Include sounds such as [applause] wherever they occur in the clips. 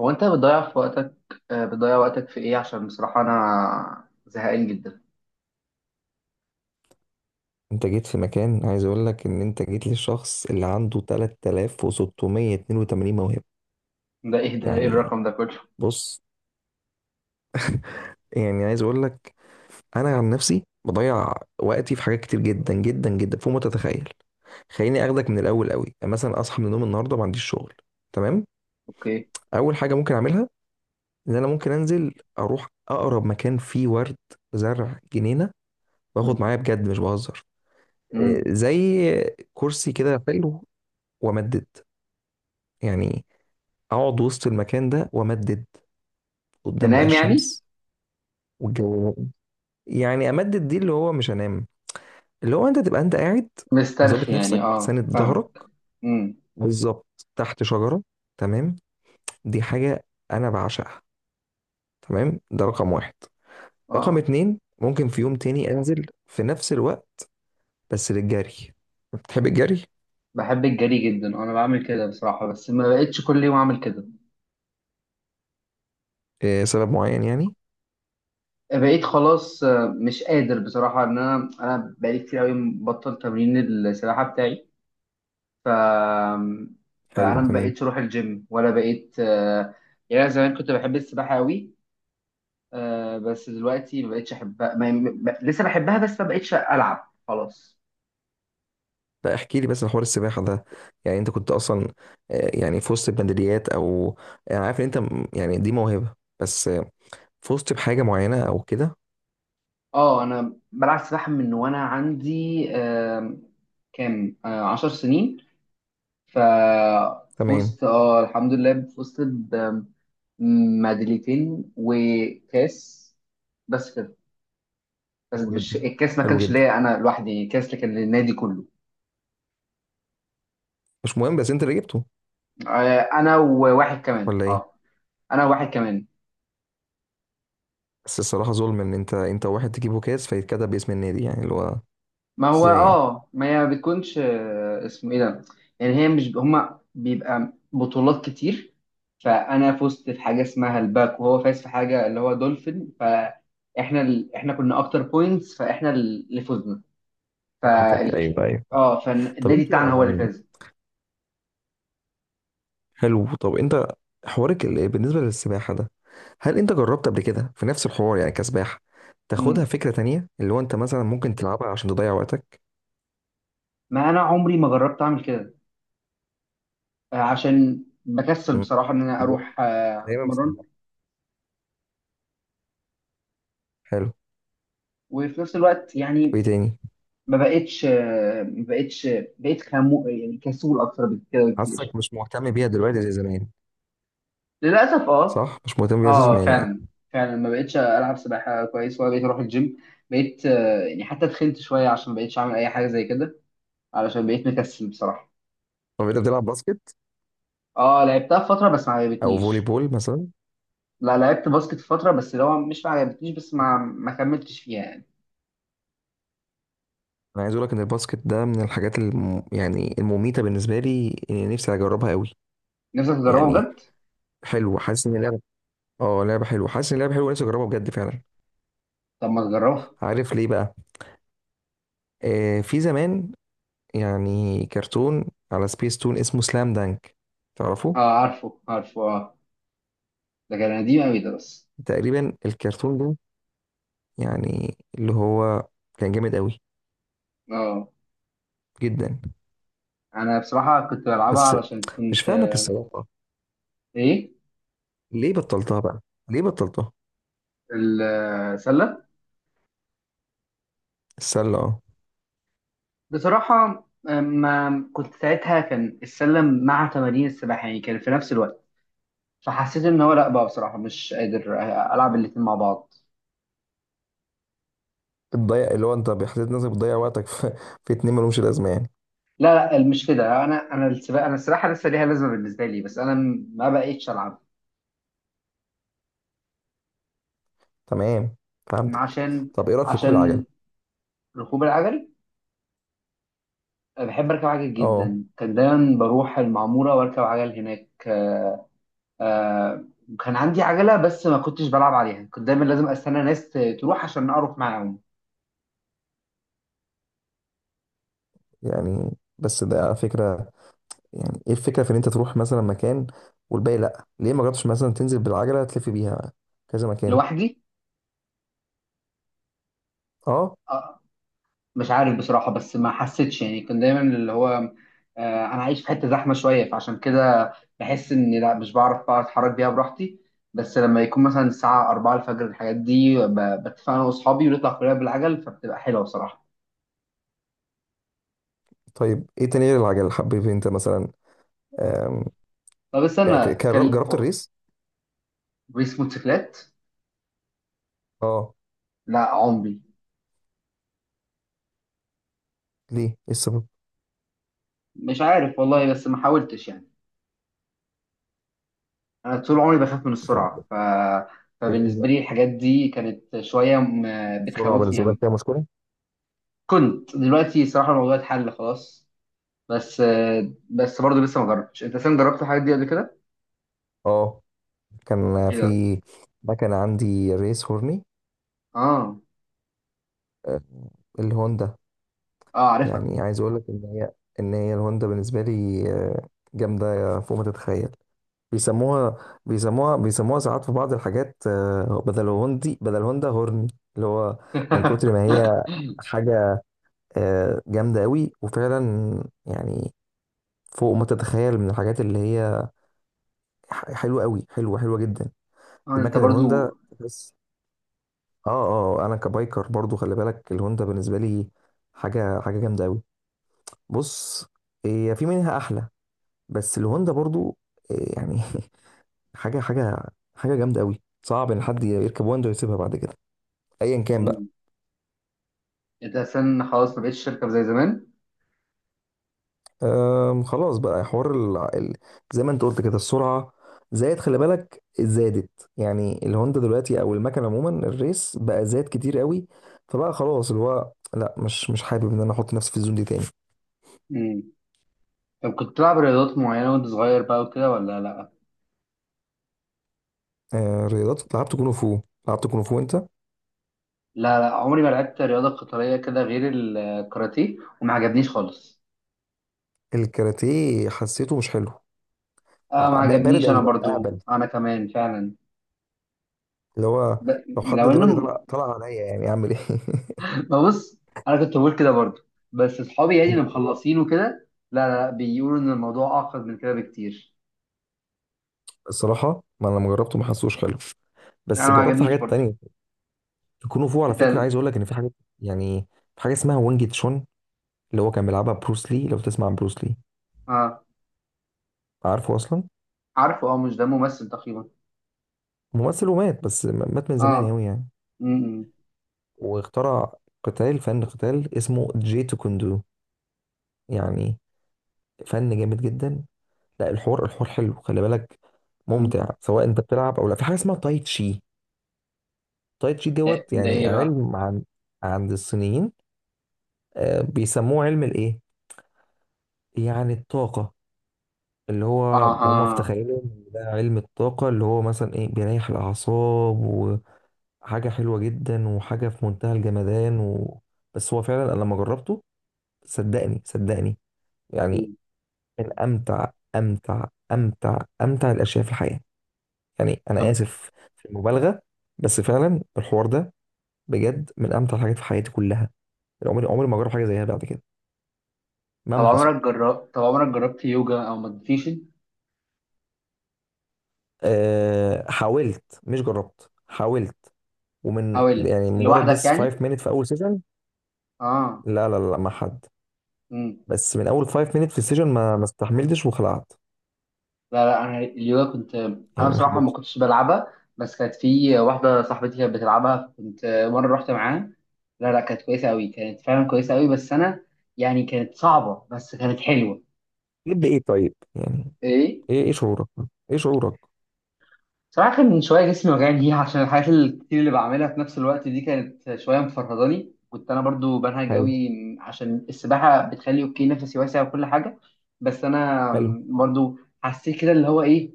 هو انت بتضيع في وقتك؟ بتضيع وقتك في ايه؟ عشان بصراحة انا زهقان جدا. انت جيت في مكان، عايز اقول لك ان انت جيت للشخص اللي عنده 3682 موهبة. ده ايه يعني، الرقم ده كله؟ بص، يعني عايز اقول لك، انا عن نفسي بضيع وقتي في حاجات كتير جدا جدا جدا فوق ما تتخيل. خليني اخدك من الاول قوي، يعني مثلا اصحى من النوم النهارده ما عنديش شغل، تمام. اوكي. اول حاجة ممكن اعملها ان انا ممكن انزل اروح اقرب مكان فيه ورد، زرع، جنينة، واخد مم. معايا، بجد مش بهزر. اه، مم. زي كرسي كده حلو، وامدد، يعني اقعد وسط المكان ده وامدد قدام بقى تنام يعني؟ الشمس والجو. يعني امدد دي اللي هو مش هنام، اللي هو انت تبقى انت قاعد مظبط مسترخي يعني، نفسك ساند ظهرك فاهمك. مم. بالظبط تحت شجرة، تمام. دي حاجة انا بعشقها، تمام، ده رقم واحد. رقم اه، اتنين، ممكن في يوم تاني انزل في نفس الوقت، بس للجري، بتحب الجري؟ بحب الجري جدا. انا بعمل كده بصراحة، بس ما بقتش كل يوم اعمل كده. آه، سبب معين يعني؟ بقيت خلاص، مش قادر بصراحة ان انا بقالي كتير قوي مبطل تمرين السباحة بتاعي. ف حلو، فانا ما تمام. بقيتش اروح الجيم ولا بقيت. يعني انا زمان كنت بحب السباحة قوي. بس دلوقتي ما بقتش احبها، ما... ما... لسه بحبها، بس ما بقتش العب خلاص. لا احكي لي بس عن حوار السباحة ده، يعني انت كنت اصلا، يعني في وسط البندريات او، انا عارف ان انت يعني دي موهبة، بس في وسط بحاجة معينة او كده، اه، انا بلعب سباحه من وانا عندي كام 10 سنين. ف تمام. فزت، الحمد لله، فزت بميداليتين وكاس، بس كده. بس حلو مش جدا، الكاس، ما حلو كانش جدا، ليا انا لوحدي كاس، اللي كان للنادي كله. مش مهم بس انت اللي جبته، انا وواحد كمان ولا ايه؟ اه انا وواحد كمان. بس الصراحة ظلم ان انت واحد تجيب كاس فيتكتب باسم النادي، يعني اللي هو ما هو ازاي يعني؟ اه ما هي بتكونش اسمه ايه ده؟ يعني هي مش، هما بيبقى بطولات كتير. فانا فزت في حاجه اسمها الباك، وهو فاز في حاجه اللي هو دولفين. فاحنا احنا كنا اكتر بوينتس، فاحنا اللي فزنا. فهمتك، فالك... ايوه، ايوه. اه، طب فالنادي انت، بتاعنا هو اللي فاز. حلو طب انت، بالنسبه للسباحه ده، هل انت جربت قبل كده في نفس الحوار، يعني كسباحه، تاخدها مم. فكره تانية، اللي هو انت مثلا ممكن تلعبها عشان تضيع وقتك؟ ما انا عمري ما جربت اعمل كده، عشان بكسل مم. بصراحه ان انا اروح دايما اتمرن. بسمع. حلو، وفي نفس الوقت يعني وايه تاني؟ ما بقتش، بقيت خمو، يعني كسول اكتر بكده بكتير. حاسسك مش مهتم بيها دلوقتي زي زمان، للاسف، اه. صح؟ مش مهتم بيها زي اه زمان يعني؟ فعلا، فعلا ما بقتش العب سباحه كويس، ولا بقيت اروح الجيم. بقيت يعني حتى تخنت شويه عشان ما بقيتش اعمل اي حاجه زي كده، علشان بقيت مكسل بصراحه. طب انت بتلعب باسكت اه، لعبتها في فتره بس ما او فولي عجبتنيش. بول مثلا؟ لا، لعبت باسكت في فتره، بس لو مش ما عجبتنيش، بس ما كملتش فيها يعني. انا عايز اقول لك ان الباسكت ده من يعني المميته بالنسبه لي، اني نفسي اجربها قوي، نفسك تجربها يعني، بجد؟ حلو، حاسس ان اللعبه، اه لعبه حلوه، حاسس ان اللعبه حلوه، نفسي اجربها بجد فعلا. طب ما تجربها. عارف ليه بقى؟ في زمان، يعني كرتون على سبيس تون اسمه سلام دانك، تعرفه؟ اه، عارفه عارفه، اه. ده كان قديم قوي ده، بس. تقريبا الكرتون ده، يعني اللي هو، كان جامد قوي اه. جدا. انا بصراحه كنت بلعبها بس علشان مش كنت... فاهمك الصراحه، ايه؟ ليه بطلتها بقى، ليه بطلتها؟ السله. السله، اه. بصراحه ما كنت ساعتها، كان السله مع تمارين السباحه يعني، كان في نفس الوقت. فحسيت ان هو لا، بقى بصراحه مش قادر العب الاتنين مع بعض. بتضيع، اللي هو انت بحسيت نفسك بتضيع وقتك في، في اتنين ملهمش لازمه يعني. لا لا مش كده، انا السباحه لسه ليها لازمه بالنسبه لي، بس انا ما بقيتش العب. تمام، فهمتك. عشان. طب ايه رايك في ركوب عشان العجل؟ ركوب العجل. أنا بحب اركب عجل اه. جدا. كان دايما بروح المعموره واركب عجل هناك. آه كان عندي عجلة، بس ما كنتش بلعب عليها. كنت دايما لازم استنى ناس تروح عشان اروح معاهم. يعني بس ده على فكره، يعني ايه الفكره في ان انت تروح مثلا مكان، والباقي لا، ليه ما جربتش مثلا تنزل بالعجله تلف بيها كذا مكان، لوحدي؟ اه؟ آه مش عارف بصراحة، بس ما حسيتش يعني. كنت دايما اللي هو انا عايش في حتة زحمة شوية، فعشان كده بحس اني لا، مش بعرف بقى اتحرك بيها براحتي. بس لما يكون مثلا الساعة 4 الفجر، الحاجات دي بتفق انا واصحابي ونطلع كلنا بالعجل، فبتبقى حلوة بصراحة. طيب ايه تاني غير العجل حبيب، انت مثلا، آم، طب يعني استنى، كان... جربت الريس، ريس موتوسيكلات؟ اه؟ لا، عمري. ليه ايه السبب؟ مش عارف والله، بس ما حاولتش يعني. انا طول عمري بخاف من طب السرعه. فبالنسبه بالنسبه، لي الحاجات دي كانت شويه م- السرعه بتخوفني بالنسبه لك قوي. فيها مشكله؟ كنت دلوقتي صراحه الموضوع اتحل خلاص. بس بس برضه لسه ما جربتش. انت سام، جربت الحاجات دي قبل كده؟ اه. كان ايه في ده؟ مكنه عندي ريس هورني، اه، آه، الهوندا، اه، عارفها. يعني عايز اقول لك ان هي، ان هي الهوندا بالنسبه لي جامده فوق ما تتخيل. بيسموها بيسموها ساعات في بعض الحاجات، بدل هوندي بدل هوندا هورني، اللي هو من كتر [laughs] ما هي حاجة، جامدة قوي وفعلا يعني فوق ما تتخيل من الحاجات اللي هي حلوة قوي، حلوة حلوة جدا، اه، انت المكن الهوندا، برضو. بس. انا كبايكر برضو، خلي بالك الهوندا بالنسبة لي حاجة، حاجة جامدة قوي. بص، هي في منها احلى، بس الهوندا برضو يعني [laughs] حاجه، حاجه، حاجه جامده قوي، صعب ان حد يركب واندو ويسيبها بعد كده ايا كان بقى. مم. انت اساسا خلاص ما بقتش تركب زي زمان. أم، خلاص بقى زي ما انت قلت كده السرعه، زائد خلي بالك زادت، يعني الهوندا دلوقتي او المكن عموما الريس بقى زاد كتير قوي. فبقى خلاص اللي هو لا، مش حابب ان انا احط نفسي في الزون دي تاني. مم. طب كنت بتلعب رياضات معينه وانت صغير بقى وكده ولا لا؟ أه رياضات، لعبت كونغ فو، لعبت كونغ فو انت؟ لا، لا عمري ما لعبت رياضه قتاليه كده غير الكاراتيه، وما عجبنيش خالص. الكاراتيه حسيته مش حلو، اه، ما بارد عجبنيش انا قوي، برضو، اهبل، انا كمان فعلا. اللي هو ب... لو حد لو دلوقتي انه... طلع، طلع عليا يعني اعمل ايه؟ [laughs] ببص. انا كنت بقول كده برضو، بس اصحابي يعني اللي [laughs] مخلصين وكده، لا لا لا، بيقولوا ان الموضوع اعقد من كده بكتير. الصراحه ما انا لما جربته ما حسوش حلو، انا بس ما جربت عجبنيش حاجات برضو. تانية. الكونغ فو على انت فكره، ال- عايز اقول لك ان في حاجات، يعني في حاجه اسمها وانج تشون، اللي هو كان بيلعبها بروس لي، لو تسمع عن بروس لي، اه، عارفه اصلا؟ عارفه، اه، مش ده ممثل تقريبا؟ ممثل ومات، بس مات من زمان اه. قوي يعني. م -م. واخترع قتال، فن قتال اسمه جي تو كوندو، يعني فن جامد جدا. لا الحوار، الحوار حلو خلي بالك، م. ممتع سواء انت بتلعب او لا. في حاجه اسمها تاي تشي، تاي تشي ده دوت ده يعني ايه بقى علم عن، عند الصينيين، بيسموه علم الايه، يعني الطاقه، اللي اه هو اه هم في تخيلهم إن ده علم الطاقة، اللي هو مثلا ايه بيريح الأعصاب، وحاجة حلوة جدا، وحاجة في منتهى الجمدان و... بس هو فعلا أنا لما جربته، صدقني، صدقني، يعني م. من أمتع أمتع أمتع أمتع الأشياء في الحياة. يعني أنا طب آسف في المبالغة، بس فعلا الحوار ده بجد من أمتع الحاجات في حياتي كلها، عمري، عمري ما جرب حاجة زيها بعد كده طب مهما حصل. عمرك جربت طب عمرك جربت يوجا او مديتيشن؟ أه حاولت، مش جربت، حاولت، ومن حاولت يعني مجرد لوحدك بس 5 يعني؟ minutes في اول سيشن. اه. لا لا لا مع حد، بس من اول 5 minutes في السيشن ما استحملتش وخلعت، لا لا، انا اليوجا كنت. انا يعني ما بصراحه ما حبيتش. كنتش بلعبها، بس كانت في واحده صاحبتي كانت بتلعبها، كنت مره رحت معاها. لا لا، كانت كويسه قوي، كانت فعلا كويسه قوي، بس انا يعني كانت صعبه بس كانت حلوه. ليه ايه طيب يعني؟ ايه؟ ايه، ايه شعورك، ايه شعورك؟ صراحة كان من شوية جسمي وجعني ليها عشان الحاجات الكتير اللي بعملها في نفس الوقت دي، كانت شوية مفرهداني. كنت أنا برضو بنهج حلو، أوي. عشان السباحة بتخلي أوكي نفسي واسع وكل حاجة. بس أنا حلو. برضو حسيت كده اللي هو إيه،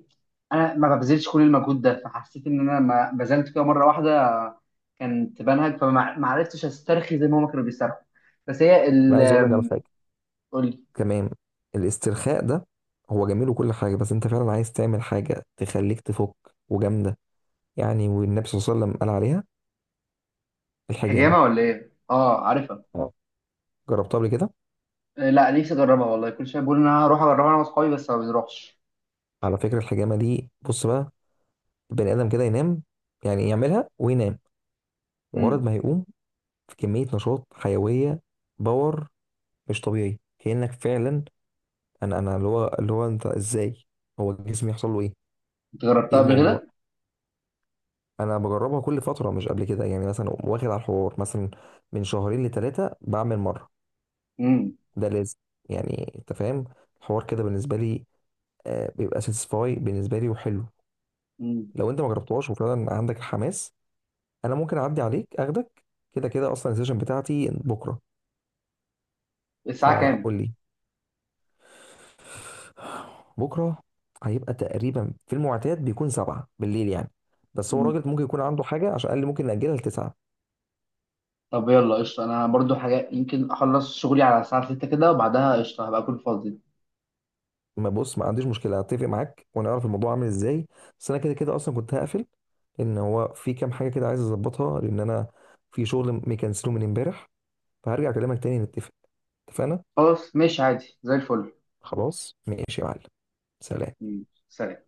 أنا ما ببذلش كل المجهود ده. فحسيت إن أنا ما بذلت كده مرة واحدة كانت بنهج. فما ما عرفتش أسترخي زي ما هما كانوا بيسترخوا. بس هي انا عايز اقول لك على حاجه قولي. كمان، الاسترخاء ده، هو جميل وكل حاجه، بس انت فعلا عايز تعمل حاجه تخليك تفك وجامده، يعني والنبي صلى الله عليه وسلم قال عليها الحجامه، حجامة ولا إيه؟ آه، عارفها. اه. جربتها قبل كده؟ لا، نفسي أجربها والله، كل شوية بقول إن أنا هروح أجربها أنا وأصحابي بس ما بنروحش. على فكرة الحجامة دي، بص بقى، البني آدم كده ينام، يعني يعملها وينام، مجرد ما هيقوم في كميه نشاط حيويه، باور مش طبيعي، كانك فعلا، انا اللي هو انت ازاي، هو جسمي يحصل له ايه، انت جربتها ايه قبل الموضوع. كده؟ انا بجربها كل فتره، مش قبل كده يعني، مثلا أقوم واخد على الحوار، مثلا من شهرين لثلاثه بعمل مره، امم. ده لازم يعني انت فاهم، الحوار كده بالنسبه لي بيبقى ساتسفاي بالنسبه لي وحلو. امم. لو انت ما جربتهاش وفعلا عندك الحماس، انا ممكن اعدي عليك اخدك، كده كده اصلا السيشن بتاعتي بكره، الساعة كام؟ فقول لي. بكره هيبقى تقريبا في المعتاد بيكون 7 بالليل يعني، بس هو مم. راجل ممكن يكون عنده حاجه عشان قال لي ممكن ناجلها لتسعة. طب يلا قشطة، أنا برضو حاجة يمكن أخلص شغلي على الساعة 6 كده، وبعدها قشطة هبقى أكون فاضي. ما بص، ما عنديش مشكله، هتفق معاك ونعرف الموضوع عامل ازاي، بس انا كده كده اصلا كنت هقفل ان هو في كام حاجه كده عايز اظبطها، لان انا في شغل مكنسله من امبارح، فهرجع اكلمك تاني نتفق، اتفقنا؟ خلاص ماشي عادي زي الفل. خلاص، ماشي يا معلم، سلام. مم. سلام.